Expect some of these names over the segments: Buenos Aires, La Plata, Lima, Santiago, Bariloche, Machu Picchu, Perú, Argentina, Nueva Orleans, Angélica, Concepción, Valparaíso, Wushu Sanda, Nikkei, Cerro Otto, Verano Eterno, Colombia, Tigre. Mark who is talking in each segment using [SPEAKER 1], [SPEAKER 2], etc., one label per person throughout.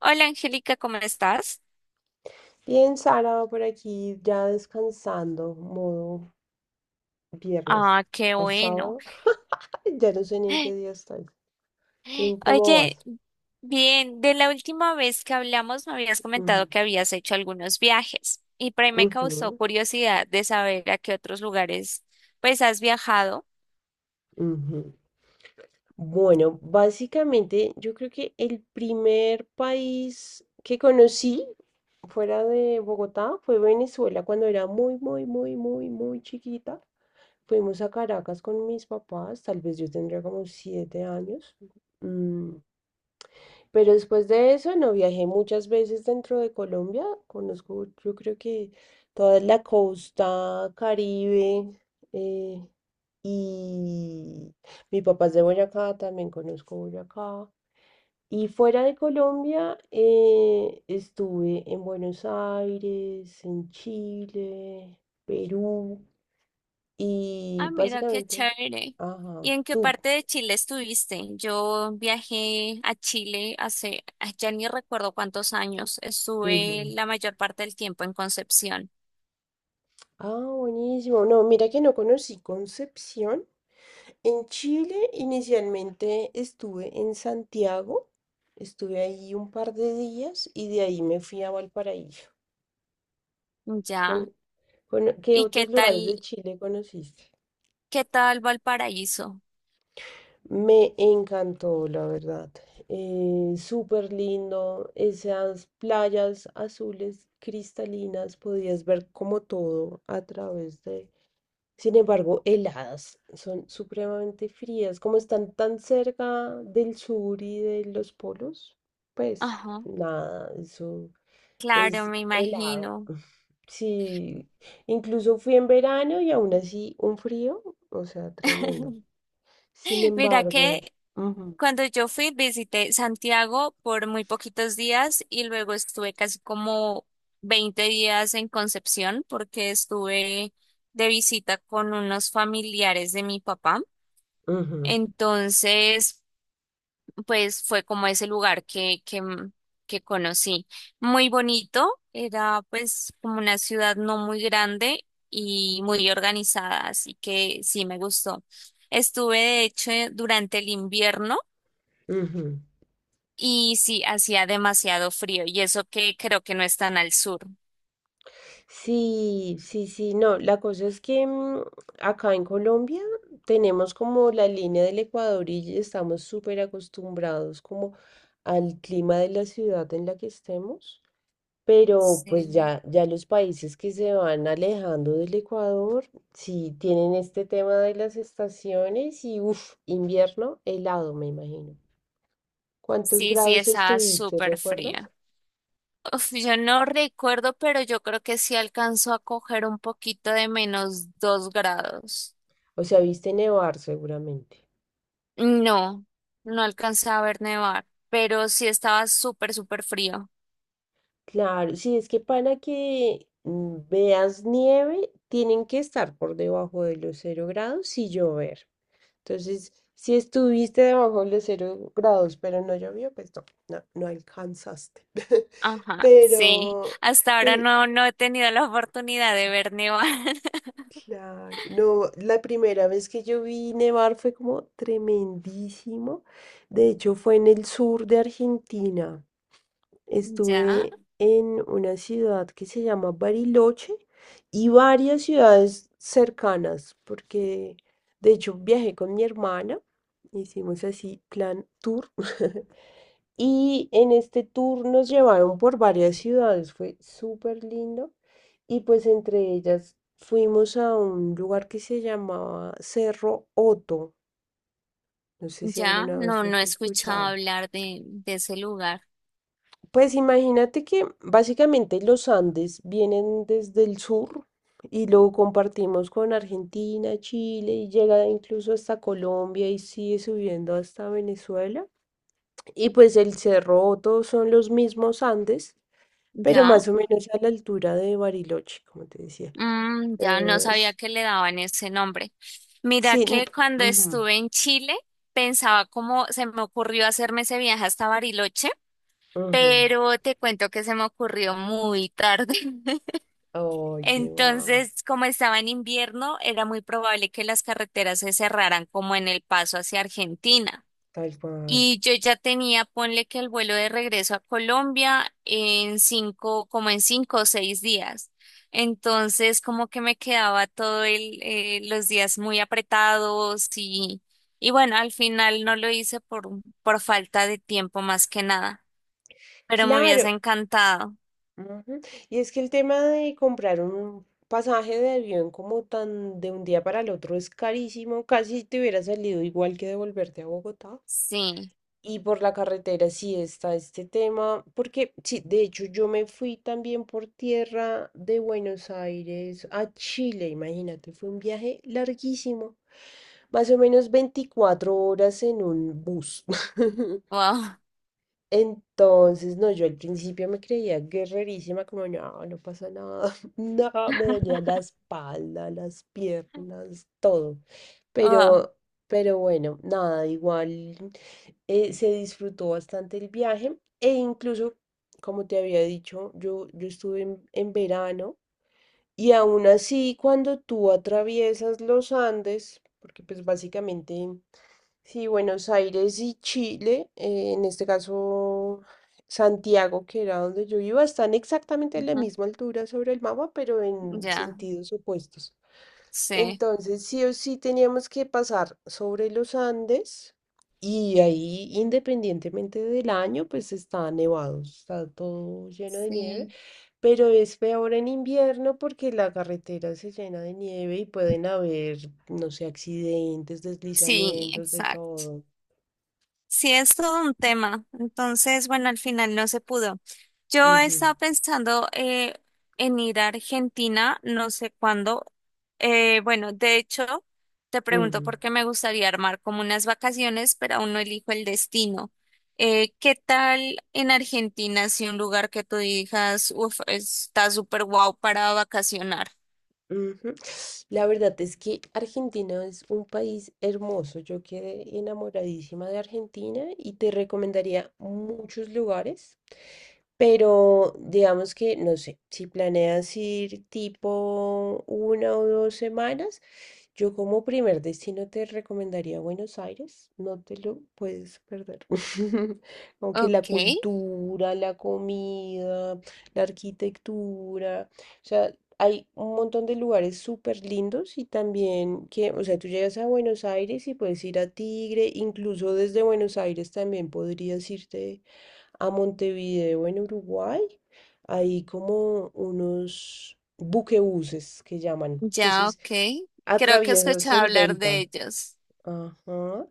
[SPEAKER 1] Hola Angélica, ¿cómo estás?
[SPEAKER 2] Bien, Sara, por aquí ya descansando, modo viernes
[SPEAKER 1] Ah, qué
[SPEAKER 2] o
[SPEAKER 1] bueno.
[SPEAKER 2] sábado. Ya no sé ni en qué día estoy. ¿Tú cómo
[SPEAKER 1] Oye,
[SPEAKER 2] vas?
[SPEAKER 1] bien, de la última vez que hablamos me habías comentado
[SPEAKER 2] Ujú,
[SPEAKER 1] que habías hecho algunos viajes y por ahí me causó
[SPEAKER 2] ujú,
[SPEAKER 1] curiosidad de saber a qué otros lugares pues has viajado.
[SPEAKER 2] ujú. Bueno, básicamente yo creo que el primer país que conocí fuera de Bogotá fue Venezuela cuando era muy, muy, muy, muy, muy chiquita. Fuimos a Caracas con mis papás, tal vez yo tendría como 7 años. Mm, Pero después de eso, no viajé muchas veces dentro de Colombia. Conozco, yo creo que toda la costa Caribe. eh, y mi papá es de Boyacá, también conozco Boyacá. Y fuera de Colombia, estuve en Buenos Aires, en Chile, Perú.
[SPEAKER 1] Ah,
[SPEAKER 2] Y
[SPEAKER 1] mira, qué
[SPEAKER 2] básicamente,
[SPEAKER 1] chévere. ¿Y
[SPEAKER 2] ajá,
[SPEAKER 1] en qué
[SPEAKER 2] tú.
[SPEAKER 1] parte de Chile estuviste? Yo viajé a Chile hace, ah, ya ni recuerdo cuántos años, estuve
[SPEAKER 2] Ujú.
[SPEAKER 1] la mayor parte del tiempo en Concepción.
[SPEAKER 2] Ah, buenísimo. No, mira que no conocí Concepción. En Chile inicialmente estuve en Santiago, estuve ahí un par de días y de ahí me fui a Valparaíso.
[SPEAKER 1] Ya.
[SPEAKER 2] Con, ¿Qué
[SPEAKER 1] ¿Y qué
[SPEAKER 2] otros lugares
[SPEAKER 1] tal?
[SPEAKER 2] de Chile conociste?
[SPEAKER 1] Qué tal Valparaíso?
[SPEAKER 2] Me encantó, la verdad. Súper lindo, esas playas azules cristalinas, podías ver como todo a través de. Sin embargo, heladas, son supremamente frías, como están tan cerca del sur y de los polos, pues
[SPEAKER 1] Ajá.
[SPEAKER 2] nada, eso
[SPEAKER 1] Claro,
[SPEAKER 2] es
[SPEAKER 1] me
[SPEAKER 2] helado.
[SPEAKER 1] imagino.
[SPEAKER 2] Sí, incluso fui en verano y aún así un frío, o sea, tremendo. Sin
[SPEAKER 1] Mira
[SPEAKER 2] embargo,
[SPEAKER 1] que
[SPEAKER 2] ujú,
[SPEAKER 1] cuando yo fui visité Santiago por muy poquitos días y luego estuve casi como 20 días en Concepción porque estuve de visita con unos familiares de mi papá.
[SPEAKER 2] ujú,
[SPEAKER 1] Entonces, pues fue como ese lugar que que conocí. Muy bonito, era pues como una ciudad no muy grande y muy organizada, así que sí me gustó. Estuve de hecho durante el invierno
[SPEAKER 2] ujú.
[SPEAKER 1] y sí hacía demasiado frío y eso que creo que no es tan al sur.
[SPEAKER 2] Sí, sí, sí, no, la cosa es que acá en Colombia tenemos como la línea del Ecuador y estamos súper acostumbrados como al clima de la ciudad en la que estemos, pero pues
[SPEAKER 1] Sí,
[SPEAKER 2] ya, ya los países que se van alejando del Ecuador, sí tienen este tema de las estaciones y uff, invierno helado, me imagino. ¿Cuántos
[SPEAKER 1] sí, sí,
[SPEAKER 2] grados
[SPEAKER 1] estaba
[SPEAKER 2] estuviste,
[SPEAKER 1] súper
[SPEAKER 2] recuerdas?
[SPEAKER 1] fría. Uf, yo no recuerdo, pero yo creo que sí alcanzó a coger un poquito de menos 2 grados.
[SPEAKER 2] O sea, viste nevar seguramente.
[SPEAKER 1] No, no alcancé a ver nevar, pero sí estaba súper, súper frío.
[SPEAKER 2] Claro, sí, es que para que veas nieve, tienen que estar por debajo de los 0 grados y llover. Entonces, si estuviste debajo de los 0 grados, pero no llovió, pues no, no, no alcanzaste.
[SPEAKER 1] Ajá, sí.
[SPEAKER 2] Pero,
[SPEAKER 1] Hasta ahora
[SPEAKER 2] pero,
[SPEAKER 1] no, no he tenido la oportunidad de ver nevar.
[SPEAKER 2] claro, no, la primera vez que yo vi nevar fue como tremendísimo. De hecho, fue en el sur de Argentina.
[SPEAKER 1] Ya,
[SPEAKER 2] Estuve en una ciudad que se llama Bariloche y varias ciudades cercanas, porque de hecho viajé con mi hermana, hicimos así plan tour. Y en este tour nos llevaron por varias ciudades, fue súper lindo. Y pues entre ellas fuimos a un lugar que se llamaba Cerro Otto. No sé si
[SPEAKER 1] ya,
[SPEAKER 2] alguna vez
[SPEAKER 1] no, no
[SPEAKER 2] has
[SPEAKER 1] he escuchado
[SPEAKER 2] escuchado.
[SPEAKER 1] hablar de ese lugar.
[SPEAKER 2] Pues imagínate que básicamente los Andes vienen desde el sur y lo compartimos con Argentina, Chile y llega incluso hasta Colombia y sigue subiendo hasta Venezuela. Y pues el Cerro todos son los mismos Andes, pero
[SPEAKER 1] Ya,
[SPEAKER 2] más o menos a la altura de Bariloche, como te decía.
[SPEAKER 1] mm, ya no
[SPEAKER 2] Eh,
[SPEAKER 1] sabía
[SPEAKER 2] es-
[SPEAKER 1] que le daban ese nombre. Mira
[SPEAKER 2] sí,
[SPEAKER 1] que cuando
[SPEAKER 2] ujú,
[SPEAKER 1] estuve en Chile, pensaba cómo se me ocurrió hacerme ese viaje hasta Bariloche,
[SPEAKER 2] ujú.
[SPEAKER 1] pero te cuento que se me ocurrió muy tarde.
[SPEAKER 2] Ay, qué mal,
[SPEAKER 1] Entonces, como estaba en invierno, era muy probable que las carreteras se cerraran como en el paso hacia Argentina.
[SPEAKER 2] tal cual.
[SPEAKER 1] Y yo ya tenía, ponle que el vuelo de regreso a Colombia en 5, como en 5 o 6 días. Entonces, como que me quedaba todo el, los días muy apretados y bueno, al final no lo hice por falta de tiempo más que nada, pero me hubiese
[SPEAKER 2] Claro,
[SPEAKER 1] encantado.
[SPEAKER 2] ujú. Y es que el tema de comprar un pasaje de avión como tan de un día para el otro es carísimo, casi te hubiera salido igual que devolverte a Bogotá.
[SPEAKER 1] Sí,
[SPEAKER 2] Y por la carretera sí está este tema, porque sí, de hecho yo me fui también por tierra de Buenos Aires a Chile, imagínate, fue un viaje larguísimo, más o menos 24 horas en un bus.
[SPEAKER 1] wow,
[SPEAKER 2] Entonces, no, yo al principio me creía guerrerísima, como no, no pasa nada, no, me dolía la espalda, las piernas, todo.
[SPEAKER 1] wow,
[SPEAKER 2] Pero, pero bueno, nada, igual se disfrutó bastante el viaje e incluso, como te había dicho, yo estuve en verano y aún así cuando tú atraviesas los Andes, porque pues básicamente sí, Buenos Aires y Chile, en este caso Santiago, que era donde yo iba, están exactamente a la
[SPEAKER 1] ujú,
[SPEAKER 2] misma altura sobre el mapa, pero en
[SPEAKER 1] ya.
[SPEAKER 2] sentidos opuestos.
[SPEAKER 1] Sí,
[SPEAKER 2] Entonces, sí o sí teníamos que pasar sobre los Andes y ahí, independientemente del año, pues está nevado, está todo lleno de nieve,
[SPEAKER 1] sí,
[SPEAKER 2] pero es peor en invierno porque la carretera se llena de nieve y pueden haber, no sé, accidentes,
[SPEAKER 1] sí,
[SPEAKER 2] deslizamientos, de
[SPEAKER 1] exacto.
[SPEAKER 2] todo.
[SPEAKER 1] Sí, es todo un tema. Entonces, bueno, al final no se pudo. Yo
[SPEAKER 2] Ujú,
[SPEAKER 1] estaba pensando en ir a Argentina, no sé cuándo. Bueno, de hecho, te pregunto
[SPEAKER 2] ujú,
[SPEAKER 1] porque me gustaría armar como unas vacaciones, pero aún no elijo el destino. ¿Qué tal en Argentina si un lugar que tú digas, uff, está súper guau para vacacionar?
[SPEAKER 2] ujú. La verdad es que Argentina es un país hermoso. Yo quedé enamoradísima de Argentina y te recomendaría muchos lugares, pero digamos que, no sé, si planeas ir tipo 1 o 2 semanas, yo como primer destino te recomendaría Buenos Aires, no te lo puedes perder. Aunque la
[SPEAKER 1] Ok.
[SPEAKER 2] cultura, la comida, la arquitectura, o sea, hay un montón de lugares súper lindos y también que, o sea, tú llegas a Buenos Aires y puedes ir a Tigre, incluso desde Buenos Aires también podrías irte a Montevideo en Uruguay. Hay como unos buquebuses que llaman.
[SPEAKER 1] Ya,
[SPEAKER 2] Entonces,
[SPEAKER 1] ok. Creo que he
[SPEAKER 2] atraviesas
[SPEAKER 1] escuchado
[SPEAKER 2] el
[SPEAKER 1] hablar de
[SPEAKER 2] delta.
[SPEAKER 1] ellos.
[SPEAKER 2] Ajá.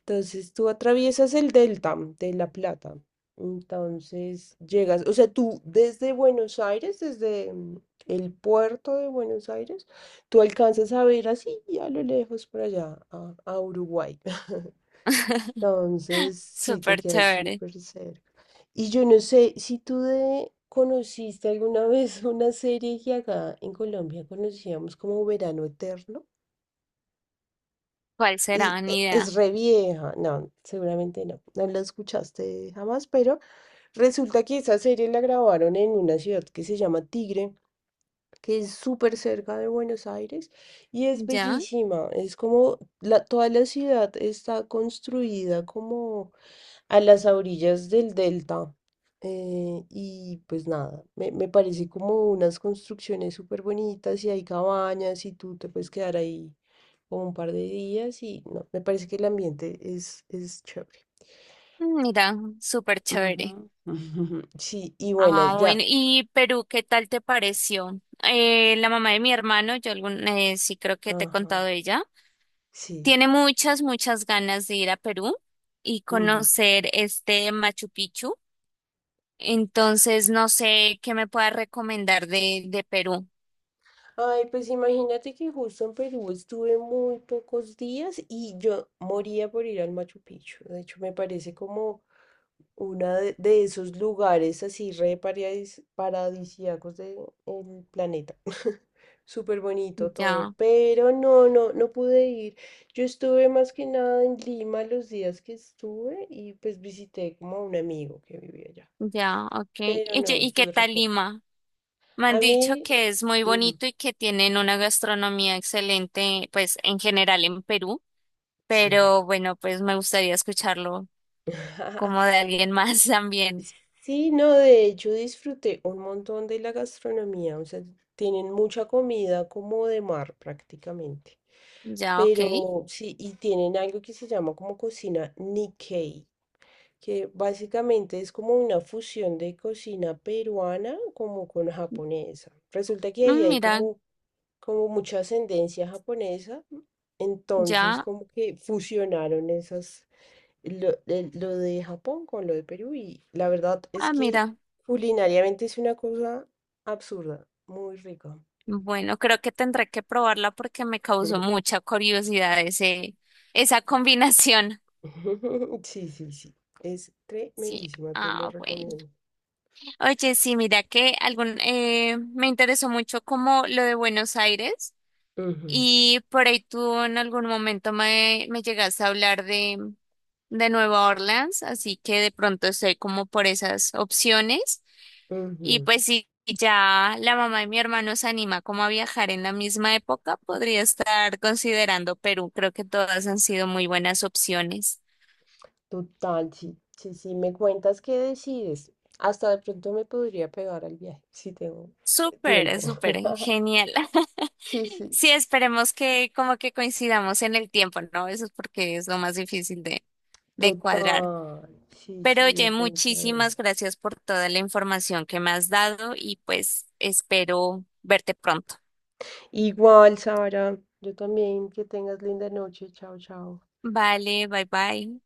[SPEAKER 2] Entonces tú atraviesas el delta de La Plata. Entonces llegas, o sea, tú desde Buenos Aires, desde el puerto de Buenos Aires, tú alcanzas a ver así a lo lejos por allá, a Uruguay. Entonces sí te
[SPEAKER 1] Súper
[SPEAKER 2] quedas
[SPEAKER 1] chévere.
[SPEAKER 2] súper cerca. Y yo no sé si tú conociste alguna vez una serie que acá en Colombia conocíamos como Verano Eterno.
[SPEAKER 1] ¿Cuál
[SPEAKER 2] Es,
[SPEAKER 1] será? Ni
[SPEAKER 2] e-
[SPEAKER 1] idea.
[SPEAKER 2] es re vieja. No, seguramente no. No la escuchaste jamás, pero resulta que esa serie la grabaron en una ciudad que se llama Tigre, que es súper cerca de Buenos Aires y es
[SPEAKER 1] Ya,
[SPEAKER 2] bellísima. Es como toda la ciudad está construida como a las orillas del delta. Y pues nada, me parece como unas construcciones súper bonitas y hay cabañas y tú te puedes quedar ahí como un par de días y no, me parece que el ambiente es chévere.
[SPEAKER 1] mira, súper
[SPEAKER 2] Ujú.
[SPEAKER 1] chévere.
[SPEAKER 2] Sí, y bueno,
[SPEAKER 1] Ah,
[SPEAKER 2] ya.
[SPEAKER 1] bueno, ¿y Perú qué tal te pareció? La mamá de mi hermano, yo algún, sí creo que te he contado
[SPEAKER 2] Ajá,
[SPEAKER 1] de ella,
[SPEAKER 2] sí.
[SPEAKER 1] tiene muchas, muchas ganas de ir a Perú y
[SPEAKER 2] Ujú.
[SPEAKER 1] conocer este Machu Picchu. Entonces, no sé qué me puedas recomendar de Perú.
[SPEAKER 2] Ay, pues imagínate que justo en Perú estuve muy pocos días y yo moría por ir al Machu Picchu. De hecho, me parece como uno de esos lugares así re paradisíacos del planeta. Súper bonito todo,
[SPEAKER 1] Ya.
[SPEAKER 2] pero no, no, no pude ir. Yo estuve más que nada en Lima los días que estuve y pues visité como a un amigo que vivía allá,
[SPEAKER 1] Ya, ok.
[SPEAKER 2] pero
[SPEAKER 1] ¿Y, qué
[SPEAKER 2] no,
[SPEAKER 1] qué
[SPEAKER 2] estuve re
[SPEAKER 1] tal
[SPEAKER 2] poco.
[SPEAKER 1] Lima? Me
[SPEAKER 2] A
[SPEAKER 1] han dicho
[SPEAKER 2] mí,
[SPEAKER 1] que es muy
[SPEAKER 2] ujú,
[SPEAKER 1] bonito y que tienen una gastronomía excelente, pues en general en Perú,
[SPEAKER 2] sí.
[SPEAKER 1] pero bueno, pues me gustaría escucharlo como de alguien más también.
[SPEAKER 2] Sí, no, de hecho disfruté un montón de la gastronomía, o sea, tienen mucha comida como de mar prácticamente.
[SPEAKER 1] Ya, ok.
[SPEAKER 2] Pero sí, y tienen algo que se llama como cocina Nikkei, que básicamente es como una fusión de cocina peruana como con japonesa. Resulta que ahí
[SPEAKER 1] Mm,
[SPEAKER 2] hay
[SPEAKER 1] mira,
[SPEAKER 2] como mucha ascendencia japonesa, entonces
[SPEAKER 1] ya,
[SPEAKER 2] como que fusionaron esas lo de Japón con lo de Perú y la verdad es
[SPEAKER 1] ah,
[SPEAKER 2] que
[SPEAKER 1] mira.
[SPEAKER 2] culinariamente es una cosa absurda, muy rica.
[SPEAKER 1] Bueno, creo que tendré que probarla porque me causó mucha curiosidad ese, esa combinación.
[SPEAKER 2] Sí, sí, sí, es
[SPEAKER 1] Sí,
[SPEAKER 2] tremendísima, te lo
[SPEAKER 1] ah, bueno.
[SPEAKER 2] recomiendo.
[SPEAKER 1] Oye, sí, mira que algún, me interesó mucho como lo de Buenos Aires.
[SPEAKER 2] Ujú,
[SPEAKER 1] Y por ahí tú en algún momento me, me llegaste a hablar de Nueva Orleans, así que de pronto estoy como por esas opciones. Y
[SPEAKER 2] ujú.
[SPEAKER 1] pues si ya la mamá de mi hermano se anima como a viajar en la misma época, podría estar considerando Perú. Creo que todas han sido muy buenas opciones.
[SPEAKER 2] Total, sí, sí, sí, me cuentas qué decides. Hasta de pronto me podría pegar al viaje, si tengo
[SPEAKER 1] Súper,
[SPEAKER 2] tiempo.
[SPEAKER 1] súper, genial.
[SPEAKER 2] Sí, sí,
[SPEAKER 1] Sí, esperemos que como que coincidamos en el tiempo, ¿no? Eso es porque es lo más difícil de cuadrar.
[SPEAKER 2] total, sí,
[SPEAKER 1] Pero
[SPEAKER 2] sí,
[SPEAKER 1] oye,
[SPEAKER 2] definitivamente.
[SPEAKER 1] muchísimas gracias por toda la información que me has dado y pues espero verte pronto.
[SPEAKER 2] Igual, Sara, yo también, que tengas linda noche. Chao, chao.
[SPEAKER 1] Vale, bye bye.